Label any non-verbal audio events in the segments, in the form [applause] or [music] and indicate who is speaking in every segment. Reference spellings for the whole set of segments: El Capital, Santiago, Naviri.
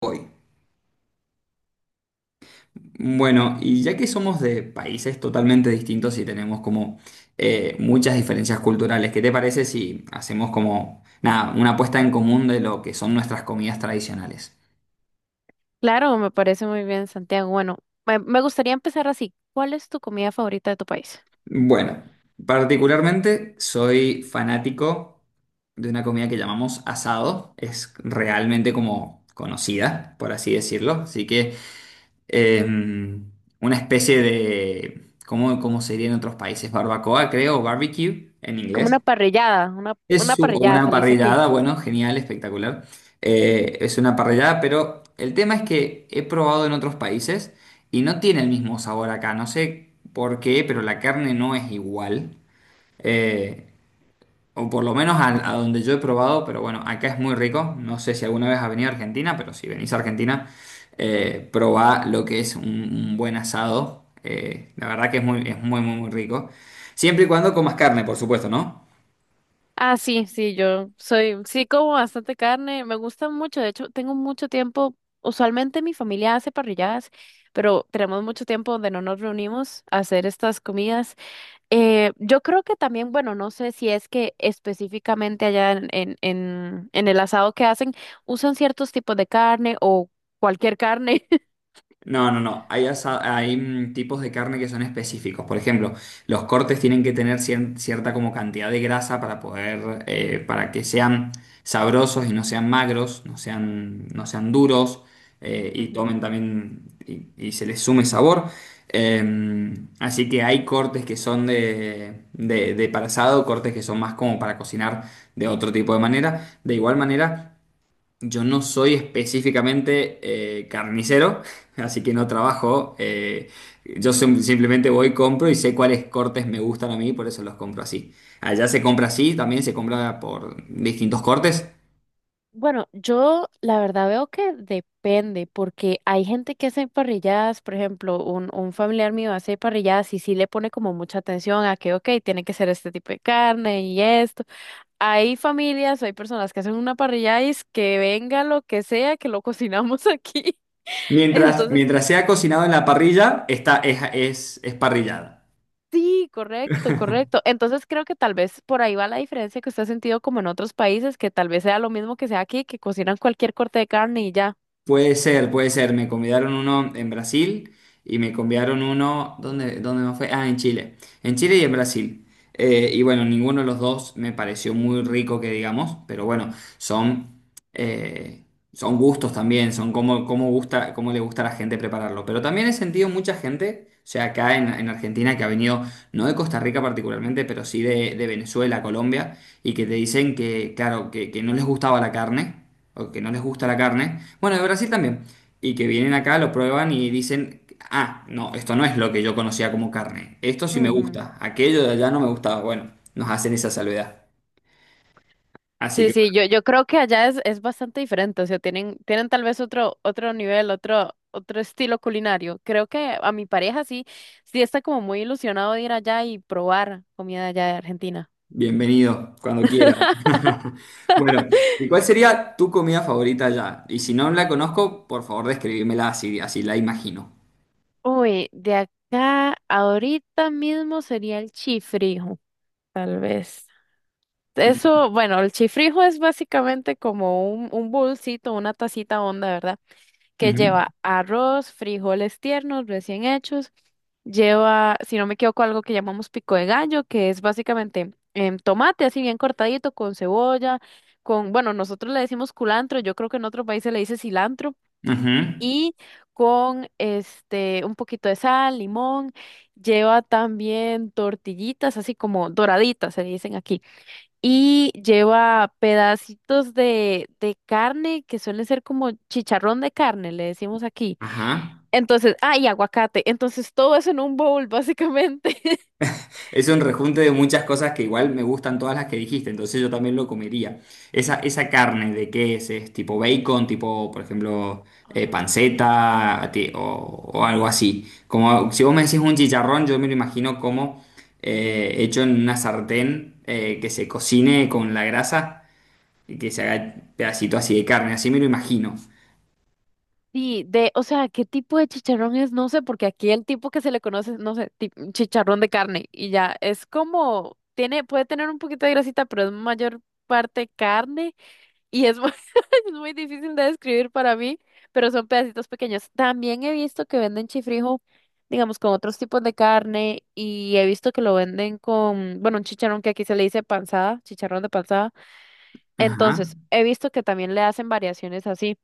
Speaker 1: Hoy. Bueno, y ya que somos de países totalmente distintos y tenemos como muchas diferencias culturales, ¿qué te parece si hacemos como, nada, una puesta en común de lo que son nuestras comidas tradicionales?
Speaker 2: Claro, me parece muy bien, Santiago. Bueno, me gustaría empezar así. ¿Cuál es tu comida favorita de tu país?
Speaker 1: Bueno, particularmente soy fanático de una comida que llamamos asado, es realmente como conocida, por así decirlo, así que eh, una especie de, ¿cómo, cómo sería en otros países? Barbacoa, creo, o barbecue en
Speaker 2: Como una
Speaker 1: inglés.
Speaker 2: parrillada, una
Speaker 1: Es
Speaker 2: parrillada,
Speaker 1: una
Speaker 2: se le dice aquí.
Speaker 1: parrillada, bueno, genial, espectacular. Es una parrillada, pero el tema es que he probado en otros países y no tiene el mismo sabor acá. No sé por qué, pero la carne no es igual. Eh, o por lo menos a donde yo he probado, pero bueno, acá es muy rico. No sé si alguna vez has venido a Argentina, pero si venís a Argentina, probá lo que es un buen asado. La verdad que es muy, muy, muy rico. Siempre y cuando comas carne, por supuesto, ¿no?
Speaker 2: Ah, sí, sí, yo soy, sí como bastante carne, me gusta mucho, de hecho, tengo mucho tiempo, usualmente mi familia hace parrilladas, pero tenemos mucho tiempo donde no nos reunimos a hacer estas comidas. Yo creo que también, bueno, no sé si es que específicamente allá en el asado que hacen, usan ciertos tipos de carne o cualquier carne.
Speaker 1: No, no, no. Hay tipos de carne que son específicos. Por ejemplo, los cortes tienen que tener cierta como cantidad de grasa para poder, para que sean sabrosos y no sean magros, no sean duros y
Speaker 2: Ujú.
Speaker 1: tomen también y se les sume sabor. Eh, así que hay cortes que son de para asado, cortes que son más como para cocinar de otro tipo de manera. De igual manera. Yo no soy específicamente carnicero, [laughs] así que no trabajo. Yo simplemente voy, compro y sé cuáles cortes me gustan a mí, por eso los compro así. Allá se compra así, también se compra por distintos cortes.
Speaker 2: Bueno, yo la verdad veo que depende, porque hay gente que hace parrilladas, por ejemplo, un familiar mío hace parrilladas y sí le pone como mucha atención a que, ok, tiene que ser este tipo de carne y esto. Hay familias o hay personas que hacen una parrillada y es que venga lo que sea, que lo cocinamos aquí. [laughs] Entonces,
Speaker 1: Mientras sea cocinado en la parrilla, es parrillada.
Speaker 2: sí, correcto, correcto. Entonces creo que tal vez por ahí va la diferencia que usted ha sentido como en otros países, que tal vez sea lo mismo que sea aquí, que cocinan cualquier corte de carne y ya.
Speaker 1: Puede ser, puede ser. Me convidaron uno en Brasil y me convidaron uno, dónde me fue? Ah, en Chile. En Chile y en Brasil. Y bueno, ninguno de los dos me pareció muy rico que digamos, pero bueno, son, eh, son gustos también, son cómo gusta, cómo le gusta a la gente prepararlo. Pero también he sentido mucha gente, o sea, acá en Argentina que ha venido, no de Costa Rica particularmente, pero sí de Venezuela, Colombia, y que te dicen que, claro, que no les gustaba la carne o que no les gusta la carne. Bueno, de Brasil también. Y que vienen acá, lo prueban y dicen, ah, no, esto no es lo que yo conocía como carne. Esto sí me gusta. Aquello de allá no me gustaba. Bueno, nos hacen esa salvedad. Así
Speaker 2: Sí,
Speaker 1: que
Speaker 2: sí,
Speaker 1: bueno,
Speaker 2: yo creo que allá es bastante diferente, o sea, tienen, tienen tal vez otro, otro nivel, otro, otro estilo culinario. Creo que a mi pareja sí, sí está como muy ilusionado de ir allá y probar comida de allá de Argentina.
Speaker 1: bienvenido cuando quiera. [laughs] Bueno, ¿y cuál sería tu comida favorita allá? Y si no la conozco, por favor, describímela así, así la imagino.
Speaker 2: Uy, de acá ahorita mismo sería el chifrijo, tal vez.
Speaker 1: Ujú,
Speaker 2: Eso, bueno, el chifrijo es básicamente como un bolsito, una tacita honda, ¿verdad? Que lleva arroz, frijoles tiernos recién hechos, lleva, si no me equivoco, algo que llamamos pico de gallo, que es básicamente tomate así bien cortadito con cebolla, con, bueno, nosotros le decimos culantro, yo creo que en otros países le dice cilantro.
Speaker 1: ujú,
Speaker 2: Y con este un poquito de sal, limón, lleva también tortillitas así como doraditas, se dicen aquí. Y lleva pedacitos de carne que suelen ser como chicharrón de carne, le decimos aquí
Speaker 1: ajá.
Speaker 2: entonces, ah, y aguacate. Entonces, todo eso en un bowl, básicamente. [laughs]
Speaker 1: Es un rejunte de muchas cosas que igual me gustan todas las que dijiste, entonces yo también lo comería. Esa carne, ¿de qué es? ¿Es tipo bacon, tipo, por ejemplo,
Speaker 2: Ay.
Speaker 1: panceta o algo así? Como si vos me decís un chicharrón, yo me lo imagino como hecho en una sartén que se cocine con la grasa y que se haga pedacito así de carne, así me lo imagino.
Speaker 2: Sí, de, o sea, ¿qué tipo de chicharrón es? No sé, porque aquí el tipo que se le conoce, no sé, ti- chicharrón de carne y ya, es como, tiene, puede tener un poquito de grasita, pero es mayor parte carne y es muy, [laughs] es muy difícil de describir para mí, pero son pedacitos pequeños. También he visto que venden chifrijo, digamos, con otros tipos de carne y he visto que lo venden con, bueno, un chicharrón que aquí se le dice panzada, chicharrón de panzada.
Speaker 1: Ajá.
Speaker 2: Entonces, he visto que también le hacen variaciones así,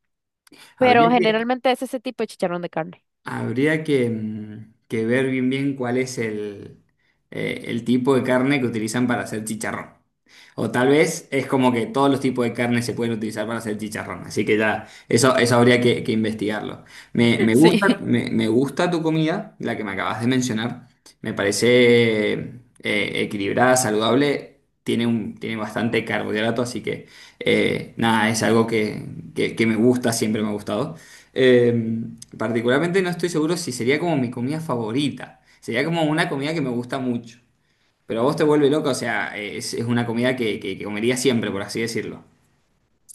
Speaker 1: Habría
Speaker 2: pero
Speaker 1: que,
Speaker 2: generalmente es ese tipo de chicharrón de carne.
Speaker 1: habría que, que ver bien bien cuál es el tipo de carne que utilizan para hacer chicharrón. O tal vez es como que todos los tipos de carne se pueden utilizar para hacer chicharrón. Así que ya, eso habría que investigarlo.
Speaker 2: [laughs]
Speaker 1: Me gusta,
Speaker 2: Sí.
Speaker 1: me gusta tu comida, la que me acabas de mencionar. Me parece equilibrada, saludable. Tiene un, tiene bastante carbohidrato, así que nada, es algo que, que me gusta, siempre me ha gustado. Eh, particularmente no estoy seguro si sería como mi comida favorita. Sería como una comida que me gusta mucho. Pero a vos te vuelve loca, o sea, es una comida que comería siempre, por así decirlo.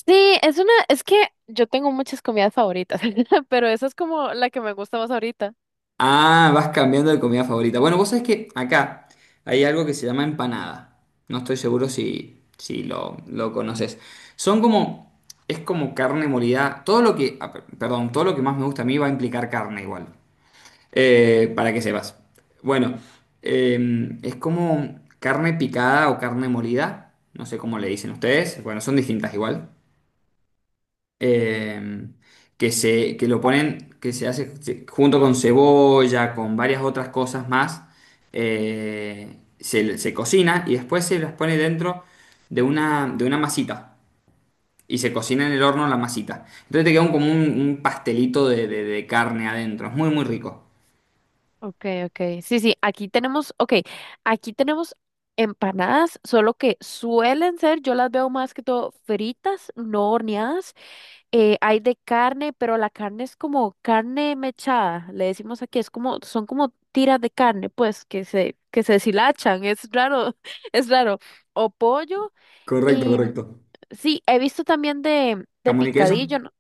Speaker 2: Sí, es una, es que yo tengo muchas comidas favoritas, [laughs] pero esa es como la que me gusta más ahorita.
Speaker 1: Ah, vas cambiando de comida favorita. Bueno, vos sabés que acá hay algo que se llama empanada. No estoy seguro si lo conoces. Son como, es como carne molida. Todo lo que, ah, perdón, todo lo que más me gusta a mí va a implicar carne igual. Para que sepas. Bueno, es como carne picada o carne molida, no sé cómo le dicen ustedes, bueno, son distintas igual, Eh, que se, que lo ponen, que se hace junto con cebolla, con varias otras cosas más, se cocina y después se las pone dentro de una masita. Y se cocina en el horno la masita. Entonces te queda como un pastelito de, de carne adentro. Es muy, muy rico.
Speaker 2: Okay, okay. Sí, sí, aquí tenemos, okay, aquí tenemos empanadas, solo que suelen ser, yo las veo más que todo fritas, no horneadas. Hay de carne, pero la carne es como carne mechada, le decimos aquí, es como, son como tiras de carne, pues, que se deshilachan, es raro, [laughs] es raro. O pollo,
Speaker 1: Correcto,
Speaker 2: y
Speaker 1: correcto.
Speaker 2: sí, he visto también de
Speaker 1: Jamón y queso.
Speaker 2: picadillo, no,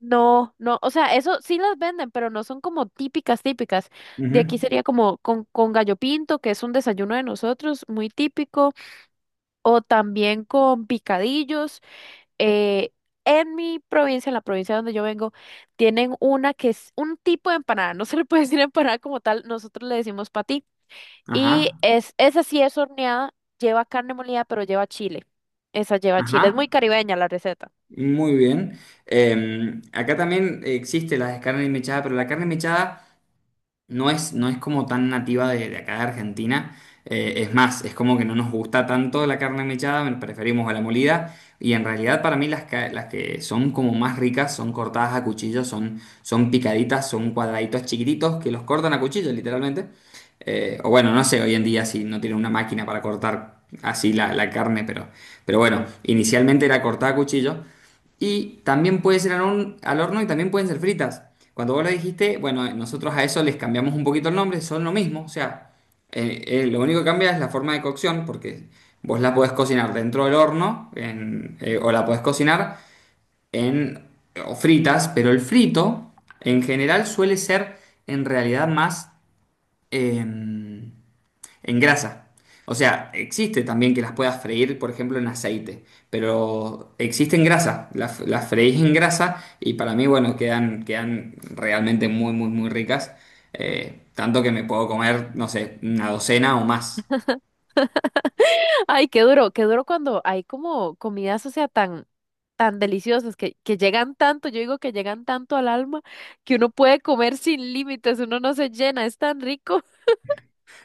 Speaker 2: no, no, o sea, eso sí las venden, pero no son como típicas, típicas. De
Speaker 1: Ujú.
Speaker 2: aquí sería como con gallo pinto, que es un desayuno de nosotros, muy típico, o también con picadillos, eh, en mi provincia, en la provincia donde yo vengo, tienen una que es un tipo de empanada, no se le puede [laughs] decir empanada como tal, nosotros le decimos patí. Y
Speaker 1: Ajá,
Speaker 2: es, esa sí es horneada, lleva carne molida, pero lleva chile. Esa lleva chile, es muy
Speaker 1: ajá.
Speaker 2: caribeña la receta.
Speaker 1: Muy bien. Acá también existe la carne mechada, pero la carne mechada no es, no es como tan nativa de acá de Argentina. Es más, es como que no nos gusta tanto la carne mechada, preferimos a la molida. Y en realidad para mí las que son como más ricas son cortadas a cuchillo, son, son picaditas, son cuadraditos chiquititos que los cortan a cuchillo literalmente. O bueno, no sé hoy en día si no tienen una máquina para cortar así la carne, pero bueno, inicialmente era cortada a cuchillo. Y también puede ser al horno y también pueden ser fritas. Cuando vos lo dijiste, bueno, nosotros a eso les cambiamos un poquito el nombre, son lo mismo, o sea, lo único que cambia es la forma de cocción, porque vos la podés cocinar dentro del horno o la podés cocinar en o fritas, pero el frito en general suele ser en realidad más... em, en grasa. O sea, existe también que las puedas freír, por ejemplo, en aceite, pero existe en grasa. Las freís en grasa y para mí, bueno, quedan realmente muy, muy, muy ricas. Tanto que me puedo comer, no sé, una docena o más.
Speaker 2: Ay, qué duro cuando hay como comidas, o sea, tan, tan deliciosas que llegan tanto, yo digo que llegan tanto al alma que uno puede comer sin límites, uno no se llena, es tan rico. [laughs]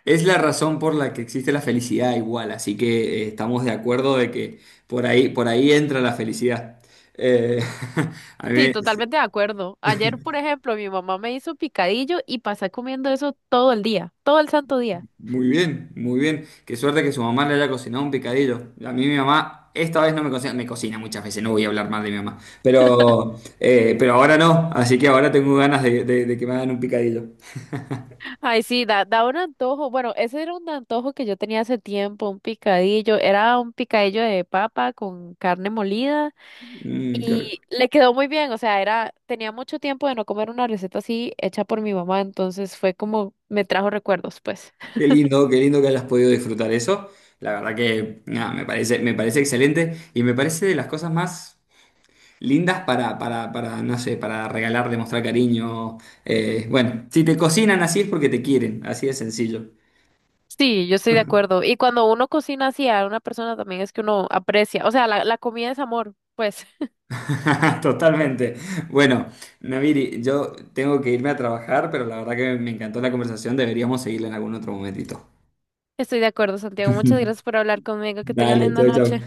Speaker 1: Es la razón por la que existe la felicidad igual, así que estamos de acuerdo de que por ahí entra la felicidad. Eh, [laughs] a
Speaker 2: Sí,
Speaker 1: mí
Speaker 2: totalmente de acuerdo. Ayer, por ejemplo, mi mamá me hizo picadillo y pasé comiendo eso todo el día, todo el santo día.
Speaker 1: muy bien, muy bien. Qué suerte que su mamá le haya cocinado un picadillo. A mí mi mamá esta vez no me cocina, me cocina muchas veces, no voy a hablar mal de mi mamá, pero ahora no, así que ahora tengo ganas de, de que me hagan un picadillo.
Speaker 2: Ay, sí, da, da un antojo. Bueno, ese era un antojo que yo tenía hace tiempo, un picadillo. Era un picadillo de papa con carne molida.
Speaker 1: Mm, qué
Speaker 2: Y
Speaker 1: rico.
Speaker 2: le quedó muy bien, o sea, era, tenía mucho tiempo de no comer una receta así hecha por mi mamá, entonces fue como, me trajo recuerdos, pues.
Speaker 1: Qué lindo que hayas podido disfrutar eso. La verdad que nada, me parece excelente y me parece de las cosas más lindas para, no sé, para regalar, demostrar cariño. Bueno, si te cocinan así es porque te quieren, así de sencillo.
Speaker 2: Sí, yo estoy de acuerdo. Y cuando uno cocina así a una persona también es que uno aprecia, o sea, la comida es amor, pues. [laughs]
Speaker 1: [laughs] Totalmente. Bueno, Naviri, yo tengo que irme a trabajar, pero la verdad que me encantó la conversación. Deberíamos seguirla en algún otro momentito.
Speaker 2: Estoy de acuerdo, Santiago. Muchas
Speaker 1: [laughs]
Speaker 2: gracias por hablar conmigo. Que tengan
Speaker 1: Dale,
Speaker 2: linda
Speaker 1: chau, chau.
Speaker 2: noche.